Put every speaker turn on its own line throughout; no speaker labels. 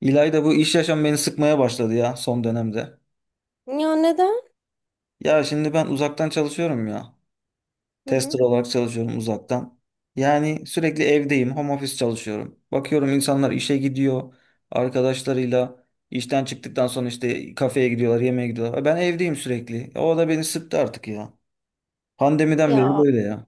İlayda, bu iş yaşam beni sıkmaya başladı ya son dönemde.
Ya neden?
Ya şimdi ben uzaktan çalışıyorum ya.
Hı hı.
Tester olarak çalışıyorum uzaktan. Yani sürekli evdeyim, home office çalışıyorum. Bakıyorum insanlar işe gidiyor, arkadaşlarıyla işten çıktıktan sonra işte kafeye gidiyorlar, yemeğe gidiyorlar. Ben evdeyim sürekli. O da beni sıktı artık ya. Pandemiden beri
Ya
böyle ya.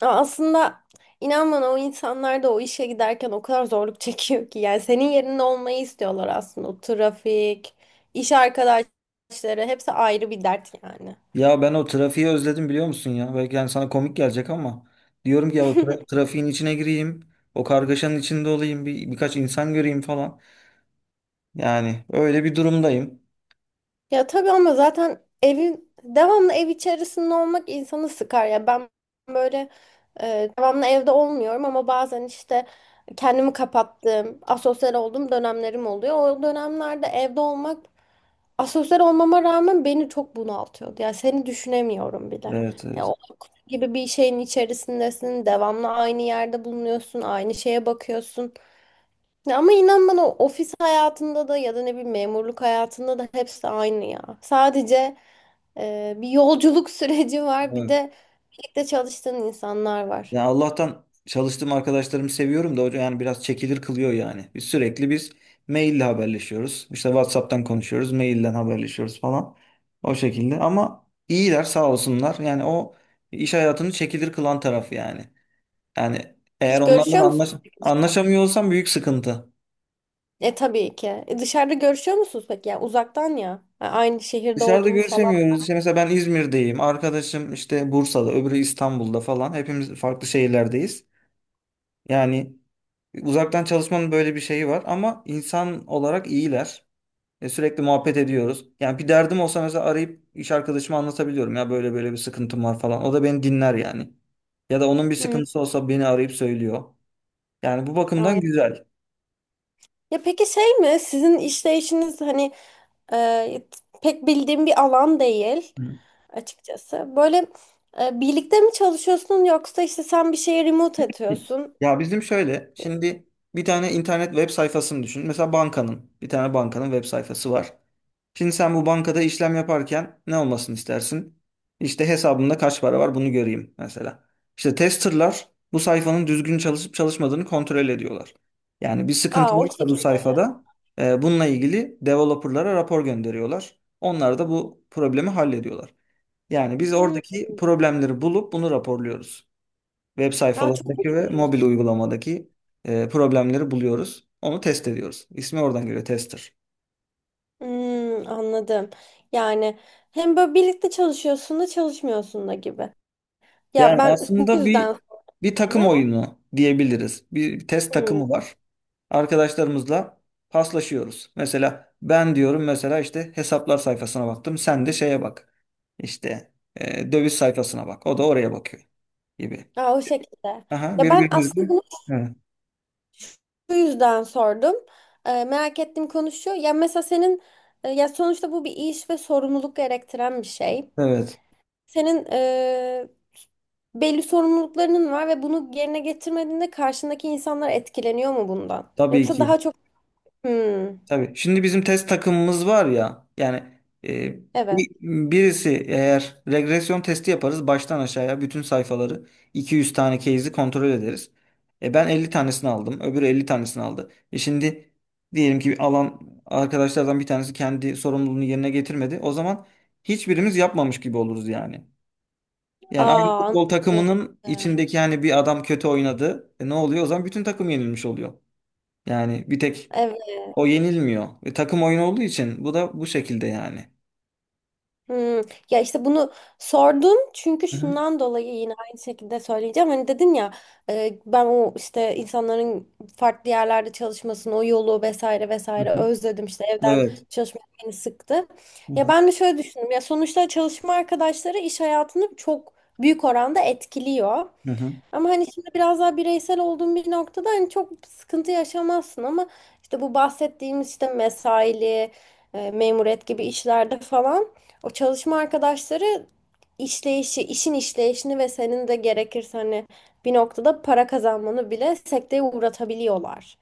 aslında inan bana o insanlar da o işe giderken o kadar zorluk çekiyor ki. Yani senin yerinde olmayı istiyorlar aslında. O trafik, iş arkadaşları hepsi ayrı bir dert yani.
Ya ben o trafiği özledim, biliyor musun ya? Belki yani sana komik gelecek ama diyorum ki ya o trafiğin içine gireyim, o kargaşanın içinde olayım, bir birkaç insan göreyim falan. Yani öyle bir durumdayım.
Ya tabii ama zaten evin devamlı ev içerisinde olmak insanı sıkar. Ya ben böyle devamlı evde olmuyorum ama bazen işte kendimi kapattığım, asosyal olduğum dönemlerim oluyor. O dönemlerde evde olmak asosyal olmama rağmen beni çok bunaltıyordu. Yani seni düşünemiyorum bile.
Evet,
Ya
evet.
o kutu gibi bir şeyin içerisindesin. Devamlı aynı yerde bulunuyorsun. Aynı şeye bakıyorsun. Ya ama inan bana ofis hayatında da ya da ne bileyim memurluk hayatında da hepsi aynı ya. Sadece bir yolculuk süreci var. Bir
Evet.
de birlikte çalıştığın insanlar var.
Ya Allah'tan çalıştığım arkadaşlarımı seviyorum da, hocam, yani biraz çekilir kılıyor yani. Biz sürekli biz maille haberleşiyoruz. İşte WhatsApp'tan konuşuyoruz, mailden haberleşiyoruz falan. O şekilde ama iyiler, sağ olsunlar. Yani o iş hayatını çekilir kılan tarafı yani. Yani eğer
Hiç
onlarla da
görüşüyor
anlaş
musun?
anlaşamıyor olsam büyük sıkıntı.
E tabii ki. E, dışarıda görüşüyor musunuz peki? Yani uzaktan ya. Ha, aynı şehirde
Dışarıda
olduğunuz falan.
görüşemiyoruz. İşte mesela ben İzmir'deyim. Arkadaşım işte Bursa'da, öbürü İstanbul'da falan. Hepimiz farklı şehirlerdeyiz. Yani uzaktan çalışmanın böyle bir şeyi var ama insan olarak iyiler. Sürekli muhabbet ediyoruz. Yani bir derdim olsa mesela arayıp iş arkadaşıma anlatabiliyorum ya, böyle böyle bir sıkıntım var falan. O da beni dinler yani. Ya da onun bir
Hmm,
sıkıntısı olsa beni arayıp söylüyor. Yani bu bakımdan
evet.
güzel.
Ya peki şey mi? Sizin işleyişiniz hani e, pek bildiğim bir alan değil
Hı.
açıkçası. Böyle birlikte mi çalışıyorsun yoksa işte sen bir şeye remote atıyorsun?
Ya bizim şöyle şimdi bir tane internet web sayfasını düşün. Mesela bankanın, bir tane bankanın web sayfası var. Şimdi sen bu bankada işlem yaparken ne olmasını istersin? İşte hesabımda kaç para var, bunu göreyim mesela. İşte testerlar bu sayfanın düzgün çalışıp çalışmadığını kontrol ediyorlar. Yani bir sıkıntı
Aa, o
varsa bu
şekilde.
sayfada bununla ilgili developerlara rapor gönderiyorlar. Onlar da bu problemi hallediyorlar. Yani biz
Hmm.
oradaki problemleri bulup bunu raporluyoruz. Web
Aa, çok
sayfalarındaki ve mobil
ilginç.
uygulamadaki problemleri buluyoruz. Onu test ediyoruz. İsmi oradan geliyor, tester.
Hmm, anladım. Yani hem böyle birlikte çalışıyorsun da çalışmıyorsun da gibi. Ya
Yani
ben bu
aslında
yüzden
bir takım
aslında.
oyunu diyebiliriz. Bir test takımı
Hmm.
var. Arkadaşlarımızla paslaşıyoruz. Mesela ben diyorum, mesela işte hesaplar sayfasına baktım. Sen de şeye bak. İşte döviz sayfasına bak. O da oraya bakıyor gibi.
Aa, o şekilde.
Aha,
Ya ben aslında
birbirimizle.
bunu
Evet.
şu yüzden sordum. Merak ettim konu şu. Ya mesela senin ya sonuçta bu bir iş ve sorumluluk gerektiren bir şey.
Evet.
Senin belli sorumluluklarının var ve bunu yerine getirmediğinde karşındaki insanlar etkileniyor mu bundan?
Tabii
Yoksa
ki.
daha çok hmm,
Tabii. Şimdi bizim test takımımız var ya, yani e,
evet.
bi- birisi eğer regresyon testi yaparız, baştan aşağıya bütün sayfaları 200 tane case'i kontrol ederiz. Ben 50 tanesini aldım. Öbürü 50 tanesini aldı. Şimdi diyelim ki alan arkadaşlardan bir tanesi kendi sorumluluğunu yerine getirmedi. O zaman hiçbirimiz yapmamış gibi oluruz yani. Yani aynı
Aa,
futbol
anladım.
takımının içindeki yani, bir adam kötü oynadı. Ne oluyor? O zaman bütün takım yenilmiş oluyor. Yani bir tek
Evet.
o yenilmiyor. Takım oyunu olduğu için bu da bu şekilde yani.
Hmm. Ya işte bunu sordum çünkü
Hı hı,
şundan dolayı yine aynı şekilde söyleyeceğim. Hani dedin ya ben o işte insanların farklı yerlerde çalışmasını, o yolu vesaire
hı
vesaire
hı,
özledim. İşte evden
evet.
çalışmak beni sıktı.
Hı
Ya
hı.
ben de şöyle düşündüm. Ya sonuçta çalışma arkadaşları iş hayatını çok büyük oranda etkiliyor.
Hı hı.
Ama hani şimdi biraz daha bireysel olduğum bir noktada hani çok sıkıntı yaşamazsın ama işte bu bahsettiğimiz işte mesaili, memuriyet gibi işlerde falan o çalışma arkadaşları işleyişi, işin işleyişini ve senin de gerekirse hani bir noktada para kazanmanı bile sekteye uğratabiliyorlar.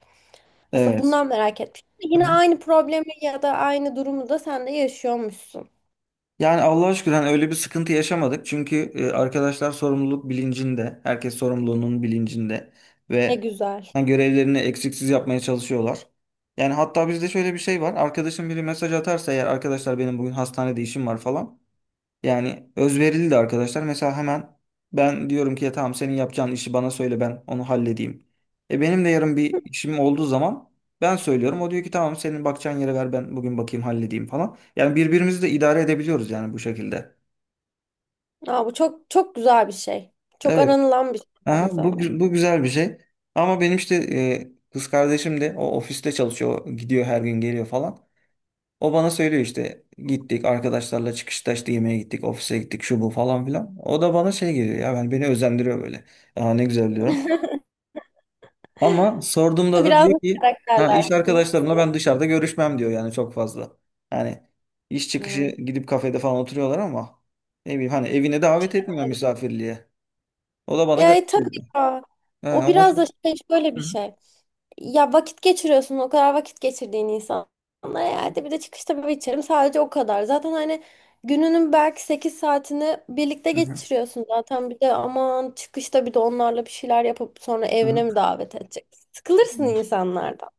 Aslında
Evet.
bundan merak etmiştim.
Hı
Yine
hı.
aynı problemi ya da aynı durumu da sen de yaşıyormuşsun.
Yani Allah'a şükür, hani öyle bir sıkıntı yaşamadık. Çünkü arkadaşlar sorumluluk bilincinde, herkes sorumluluğunun bilincinde
Ne
ve
güzel.
hani görevlerini eksiksiz yapmaya çalışıyorlar. Yani hatta bizde şöyle bir şey var. Arkadaşım biri mesaj atarsa eğer, arkadaşlar benim bugün hastanede işim var falan. Yani özverili de arkadaşlar. Mesela hemen ben diyorum ki ya, tamam, senin yapacağın işi bana söyle, ben onu halledeyim. E benim de yarın bir işim olduğu zaman ben söylüyorum. O diyor ki tamam, senin bakacağın yere ver, ben bugün bakayım, halledeyim falan. Yani birbirimizi de idare edebiliyoruz yani bu şekilde.
Aa, bu çok çok güzel bir şey. Çok
Evet.
aranılan bir şey
Aha,
aynı
bu,
zamanda.
bu güzel bir şey. Ama benim işte kız kardeşim de o ofiste çalışıyor. Gidiyor her gün, geliyor falan. O bana söylüyor işte, gittik arkadaşlarla çıkışta işte yemeğe gittik, ofise gittik, şu bu falan filan. O da bana şey geliyor ya, ben, beni özendiriyor böyle. Aa, ne güzel diyorum. Ama sorduğumda da
Biraz
diyor
da
ki ha, iş
karakterlersiniz.
arkadaşlarımla ben dışarıda görüşmem diyor, yani çok fazla. Yani iş çıkışı
Hı.
gidip kafede falan oturuyorlar ama ne bileyim, hani evine davet etmiyor misafirliğe. O da bana
Ya
garip
tabii
geliyor.
ya.
He,
O
ama
biraz da şey, şöyle bir
hı hı.
şey. Ya vakit geçiriyorsun, o kadar vakit geçirdiğin insanla. Ya hadi bir de çıkışta bir içerim sadece, o kadar. Zaten hani gününün belki 8 saatini birlikte
Hı hı.
geçiriyorsun zaten. Bir de aman çıkışta bir de onlarla bir şeyler yapıp sonra
Hı
evine
hı.
mi davet edeceksin? Sıkılırsın insanlardan.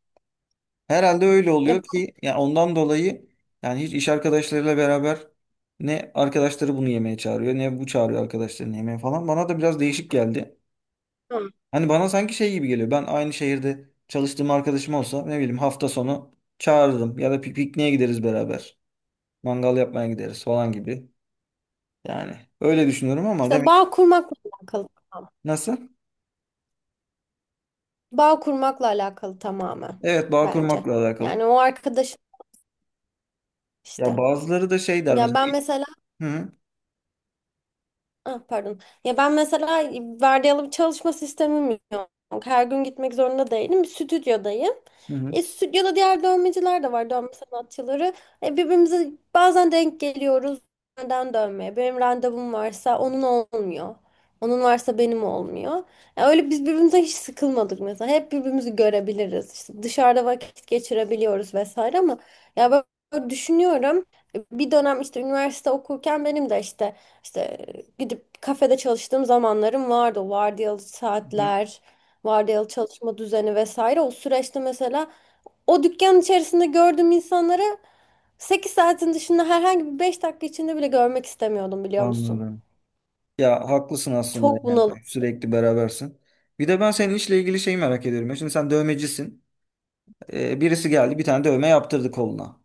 Herhalde öyle
Ya
oluyor ki yani, ondan dolayı yani hiç iş arkadaşlarıyla beraber ne arkadaşları bunu yemeye çağırıyor ne bu çağırıyor arkadaşlarını yemeğe falan. Bana da biraz değişik geldi.
bilmiyorum.
Hani bana sanki şey gibi geliyor. Ben aynı şehirde çalıştığım arkadaşım olsa ne bileyim hafta sonu çağırırım ya da pikniğe gideriz beraber. Mangal yapmaya gideriz falan gibi. Yani öyle düşünüyorum ama
İşte
demek.
bağ kurmakla alakalı. Tamam.
Nasıl?
Bağ kurmakla alakalı tamamen,
Evet, bağ
bence.
kurmakla alakalı.
Yani o arkadaş,
Ya
İşte.
bazıları da şey der
Ya
mesela.
ben mesela,
Hı hı.
ah, pardon. Ya ben mesela vardiyalı bir çalışma sistemim yok. Her gün gitmek zorunda değilim. Bir stüdyodayım.
Hı hı.
E, stüdyoda diğer dövmeciler de var, dövme sanatçıları. E, birbirimize bazen denk geliyoruz. Neden dövmeye? Benim randevum varsa onun olmuyor. Onun varsa benim olmuyor. E, öyle biz birbirimize hiç sıkılmadık mesela. Hep birbirimizi görebiliriz. İşte dışarıda vakit geçirebiliyoruz vesaire ama ya ben düşünüyorum. E, bir dönem işte üniversite okurken benim de işte gidip kafede çalıştığım zamanlarım vardı. O vardiyalı
Hı hı.
saatler, vardiyalı çalışma düzeni vesaire. O süreçte mesela o dükkan içerisinde gördüğüm insanları 8 saatin dışında herhangi bir 5 dakika içinde bile görmek istemiyordum, biliyor musun?
Anladım. Ya haklısın aslında,
Çok
yani
bunalım.
sürekli berabersin. Bir de ben senin işle ilgili şeyi merak ediyorum ya. Şimdi sen dövmecisin. Birisi geldi, bir tane dövme yaptırdı koluna.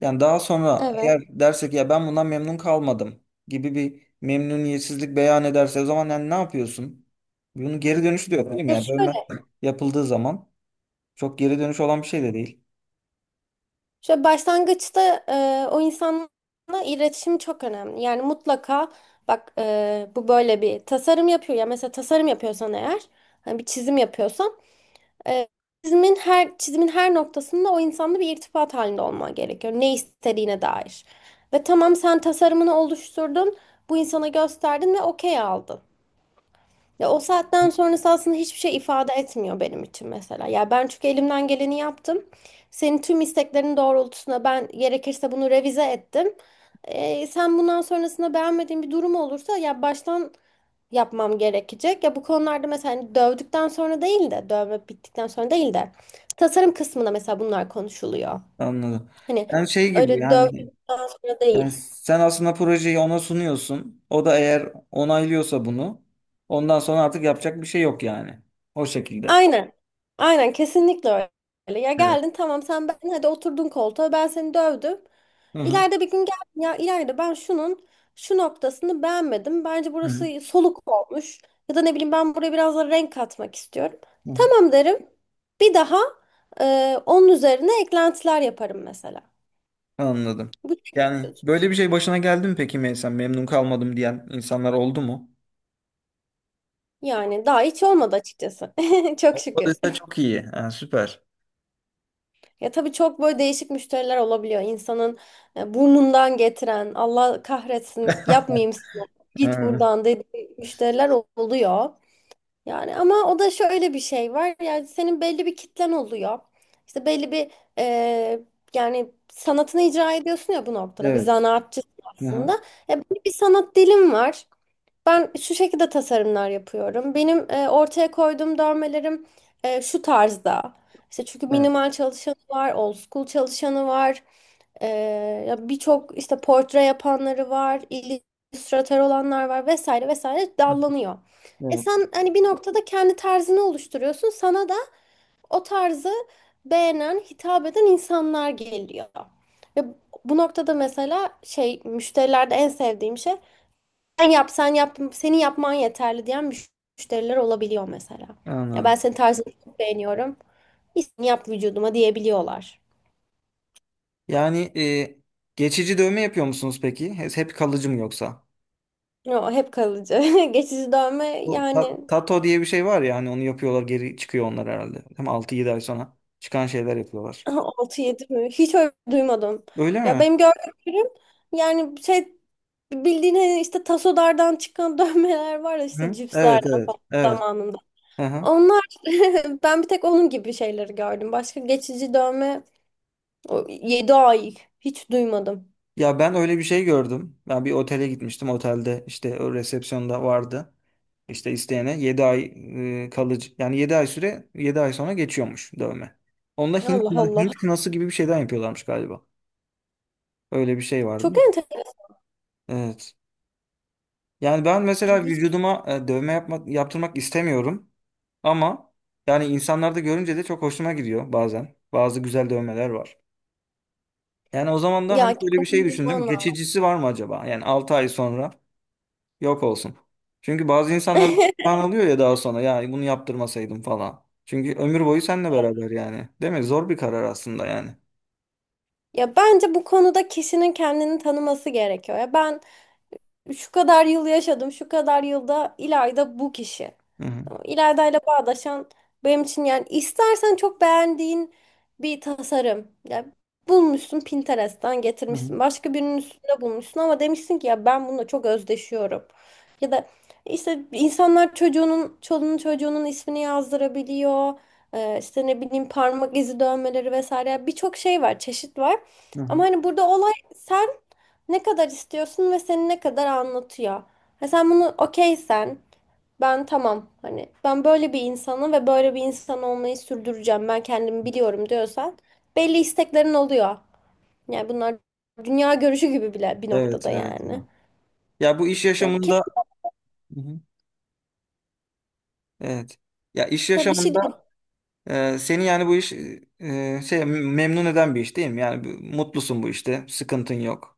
Yani daha sonra
Evet.
eğer dersek ya, ben bundan memnun kalmadım gibi bir memnuniyetsizlik beyan ederse, o zaman yani ne yapıyorsun? Bunun geri dönüşü de yok, değil mi?
E
Yani dövme
şöyle,
yapıldığı zaman çok geri dönüş olan bir şey de değil.
şöyle başlangıçta o insanla iletişim çok önemli. Yani mutlaka bak, bu böyle bir tasarım yapıyor ya, mesela tasarım yapıyorsan eğer, hani bir çizim yapıyorsan. Ee, her çizimin her noktasında o insanla bir irtibat halinde olman gerekiyor. Ne istediğine dair. Ve tamam, sen tasarımını oluşturdun, bu insana gösterdin ve okey aldın. Ya o saatten sonrası aslında hiçbir şey ifade etmiyor benim için mesela. Ya ben çünkü elimden geleni yaptım. Senin tüm isteklerin doğrultusunda ben gerekirse bunu revize ettim. Sen bundan sonrasında beğenmediğin bir durum olursa ya baştan yapmam gerekecek. Ya bu konularda mesela hani dövdükten sonra değil de dövme bittikten sonra değil de tasarım kısmında mesela bunlar konuşuluyor.
Anladım.
Hani
Yani şey gibi
öyle dövdükten
yani,
sonra
yani
değil.
sen aslında projeyi ona sunuyorsun. O da eğer onaylıyorsa bunu, ondan sonra artık yapacak bir şey yok yani. O şekilde.
Aynen. Aynen, kesinlikle öyle. Ya
Evet.
geldin, tamam sen, ben hadi, oturdun koltuğa, ben seni dövdüm.
Hı hı.
İleride bir gün geldin, ya ileride ben şunun şu noktasını beğenmedim. Bence
Hı hı.
burası soluk olmuş. Ya da ne bileyim ben buraya biraz da renk katmak istiyorum.
Hı hı.
Tamam derim. Bir daha onun üzerine eklentiler yaparım mesela.
Anladım.
Bu şekilde
Yani böyle
çözülür.
bir şey başına geldi mi peki, Meysen? Memnun kalmadım diyen insanlar oldu mu?
Yani daha hiç olmadı açıkçası. Çok şükür.
Olursa çok iyi. Ha, süper.
Ya tabii çok böyle değişik müşteriler olabiliyor. İnsanın burnundan getiren, Allah kahretsin yapmayayım sana, git
Hı.
buradan dediği müşteriler oluyor. Yani ama o da şöyle bir şey var. Yani senin belli bir kitlen oluyor. İşte belli bir e, yani sanatını icra ediyorsun ya bu noktada. Bir
Evet.
zanaatçısın
Hı hı.
aslında. E, belli bir sanat dilin var. Ben şu şekilde tasarımlar yapıyorum. Benim ortaya koyduğum dövmelerim şu tarzda. İşte çünkü
Evet.
minimal çalışanı var, old school çalışanı var. E, ya birçok işte portre yapanları var, illüstratör olanlar var vesaire vesaire
Hı.
dallanıyor. E
Evet.
sen hani bir noktada kendi tarzını oluşturuyorsun. Sana da o tarzı beğenen, hitap eden insanlar geliyor. Ve bu noktada mesela şey, müşterilerde en sevdiğim şey, sen yap, sen yap, senin yapman yeterli diyen müşteriler olabiliyor mesela. Ya ben
Anladım.
senin tarzını çok beğeniyorum. İstediğini yap vücuduma diyebiliyorlar.
Yani geçici dövme yapıyor musunuz peki? Hep hep kalıcı mı yoksa?
Yo, hep kalıcı. Geçici dövme
Bu
yani
tato diye bir şey var ya hani, onu yapıyorlar, geri çıkıyor onlar herhalde. Hem 6-7 ay sonra çıkan şeyler yapıyorlar.
altı yedi mi? Hiç öyle duymadım.
Öyle
Ya
mi?
benim gördüğüm ürün yani şey, bildiğin hani işte tasolardan çıkan dövmeler var ya işte
Hı? Evet,
cipslerden
evet,
falan
evet.
zamanında.
Aha.
Onlar, ben bir tek onun gibi şeyleri gördüm. Başka geçici dövme 7 ay hiç duymadım.
Ya ben öyle bir şey gördüm. Ben bir otele gitmiştim. Otelde işte o resepsiyonda vardı. İşte isteyene 7 ay kalıcı, yani 7 ay süre, 7 ay sonra geçiyormuş dövme. Onda Hint,
Allah Allah.
Hint kınası gibi bir şeyden yapıyorlarmış galiba. Öyle bir şey vardı
Çok
da.
enteresan.
Evet. Yani ben mesela
Hiç...
vücuduma dövme yapmak, yaptırmak istemiyorum. Ama yani insanlarda görünce de çok hoşuma gidiyor bazen. Bazı güzel dövmeler var. Yani o zaman da hani
Ya
böyle bir şey
kendini bulman
düşündüm.
lazım.
Geçicisi var mı acaba? Yani 6 ay sonra yok olsun. Çünkü bazı insanlar kan alıyor ya daha sonra, ya bunu yaptırmasaydım falan. Çünkü ömür boyu seninle beraber yani. Değil mi? Zor bir karar aslında yani.
Ya bence bu konuda kişinin kendini tanıması gerekiyor. Ya ben şu kadar yıl yaşadım, şu kadar yılda İlayda bu kişi.
Hı hı.
Tamam, İlayda ile bağdaşan benim için yani, istersen çok beğendiğin bir tasarım. Ya bulmuşsun, Pinterest'ten
Hı hı.
getirmişsin. Başka birinin üstünde bulmuşsun ama demişsin ki ya ben bununla çok özdeşiyorum. Ya da işte insanlar çocuğunun, çoluğunun çocuğunun ismini yazdırabiliyor. İşte ne bileyim parmak izi dövmeleri vesaire. Birçok şey var, çeşit var.
Hı
Ama
hı.
hani burada olay sen ne kadar istiyorsun ve seni ne kadar anlatıyor. Ha, sen bunu okeysen, ben tamam hani ben böyle bir insanım ve böyle bir insan olmayı sürdüreceğim ben kendimi biliyorum diyorsan belli isteklerin oluyor. Yani bunlar dünya görüşü gibi bile bir
Evet,
noktada
evet.
yani.
Ya, ya bu iş
Ya,
yaşamında hı hı, evet. Ya iş
ya bir şey değil.
yaşamında seni yani bu iş şey, memnun eden bir iş değil mi? Yani bu- mutlusun bu işte. Sıkıntın yok.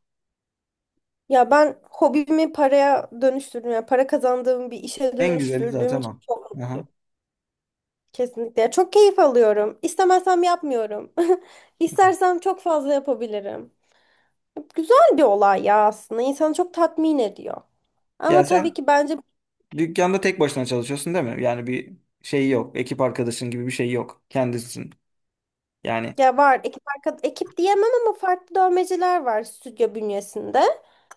Ya ben hobimi paraya dönüştürdüm. Ya para kazandığım bir işe
En güzeli
dönüştürdüğüm
zaten
için
o.
çok mutluyum.
Aha.
Kesinlikle. Ya çok keyif alıyorum. İstemezsem yapmıyorum. İstersem çok fazla yapabilirim. Güzel bir olay ya aslında. İnsanı çok tatmin ediyor.
Ya
Ama tabii
sen
ki bence
dükkanda tek başına çalışıyorsun değil mi? Yani bir şey yok. Ekip arkadaşın gibi bir şey yok. Kendisin. Yani
ya var ekip, ekip diyemem ama farklı dövmeciler var stüdyo bünyesinde.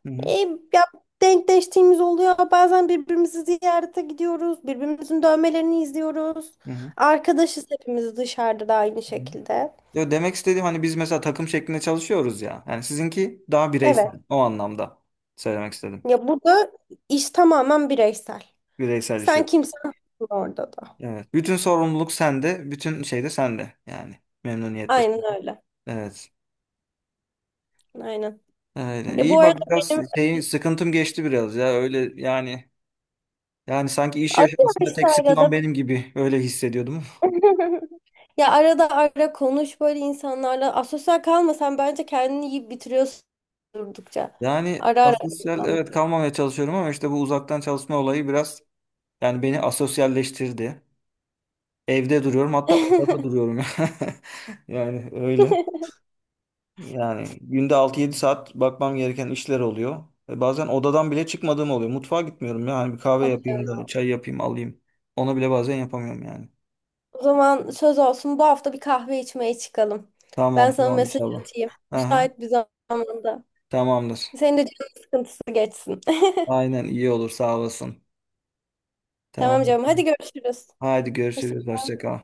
hı
E,
hı,
ya denkleştiğimiz oluyor. Bazen birbirimizi ziyarete gidiyoruz. Birbirimizin dövmelerini izliyoruz.
hı hı,
Arkadaşız hepimiz, dışarıda da aynı
hı.
şekilde.
Yo, demek istediğim hani biz mesela takım şeklinde çalışıyoruz ya. Yani sizinki daha
Evet.
bireysel. O anlamda söylemek istedim.
Ya burada iş tamamen bireysel.
Bireysel iş
Sen
yapıyor.
kimsen orada da.
Evet. Bütün sorumluluk sende. Bütün şey de sende. Yani memnuniyette.
Aynen öyle.
Evet.
Aynen.
Öyle. Hani
Ya bu
İyi
arada
bak, biraz
benim
şeyin, sıkıntım geçti biraz ya, öyle yani, yani sanki iş
arıyor
yaşamasında
işte
tek sıkılan
arada.
benim gibi öyle hissediyordum.
Ya arada ara konuş böyle insanlarla. Asosyal kalmasan, bence kendini yiyip bitiriyorsun durdukça.
Yani
Ara ara
asosyal, evet,
insanlar.
kalmamaya çalışıyorum ama işte bu uzaktan çalışma olayı biraz yani beni asosyalleştirdi. Evde duruyorum, hatta odada duruyorum. Yani öyle. Yani günde 6-7 saat bakmam gereken işler oluyor. Bazen odadan bile çıkmadığım oluyor. Mutfağa gitmiyorum yani, bir kahve
Ah,
yapayım
evet.
da, çay yapayım, alayım. Onu bile bazen yapamıyorum yani.
O zaman söz olsun, bu hafta bir kahve içmeye çıkalım. Ben
Tamam,
sana
tamam,
mesaj
inşallah.
atayım.
Aha,
Müsait bir zamanda.
tamamdır.
Senin de canın sıkıntısı geçsin.
Aynen, iyi olur, sağ olasın.
Tamam
Tamam.
canım, hadi görüşürüz.
Haydi görüşürüz. Hoşça kal.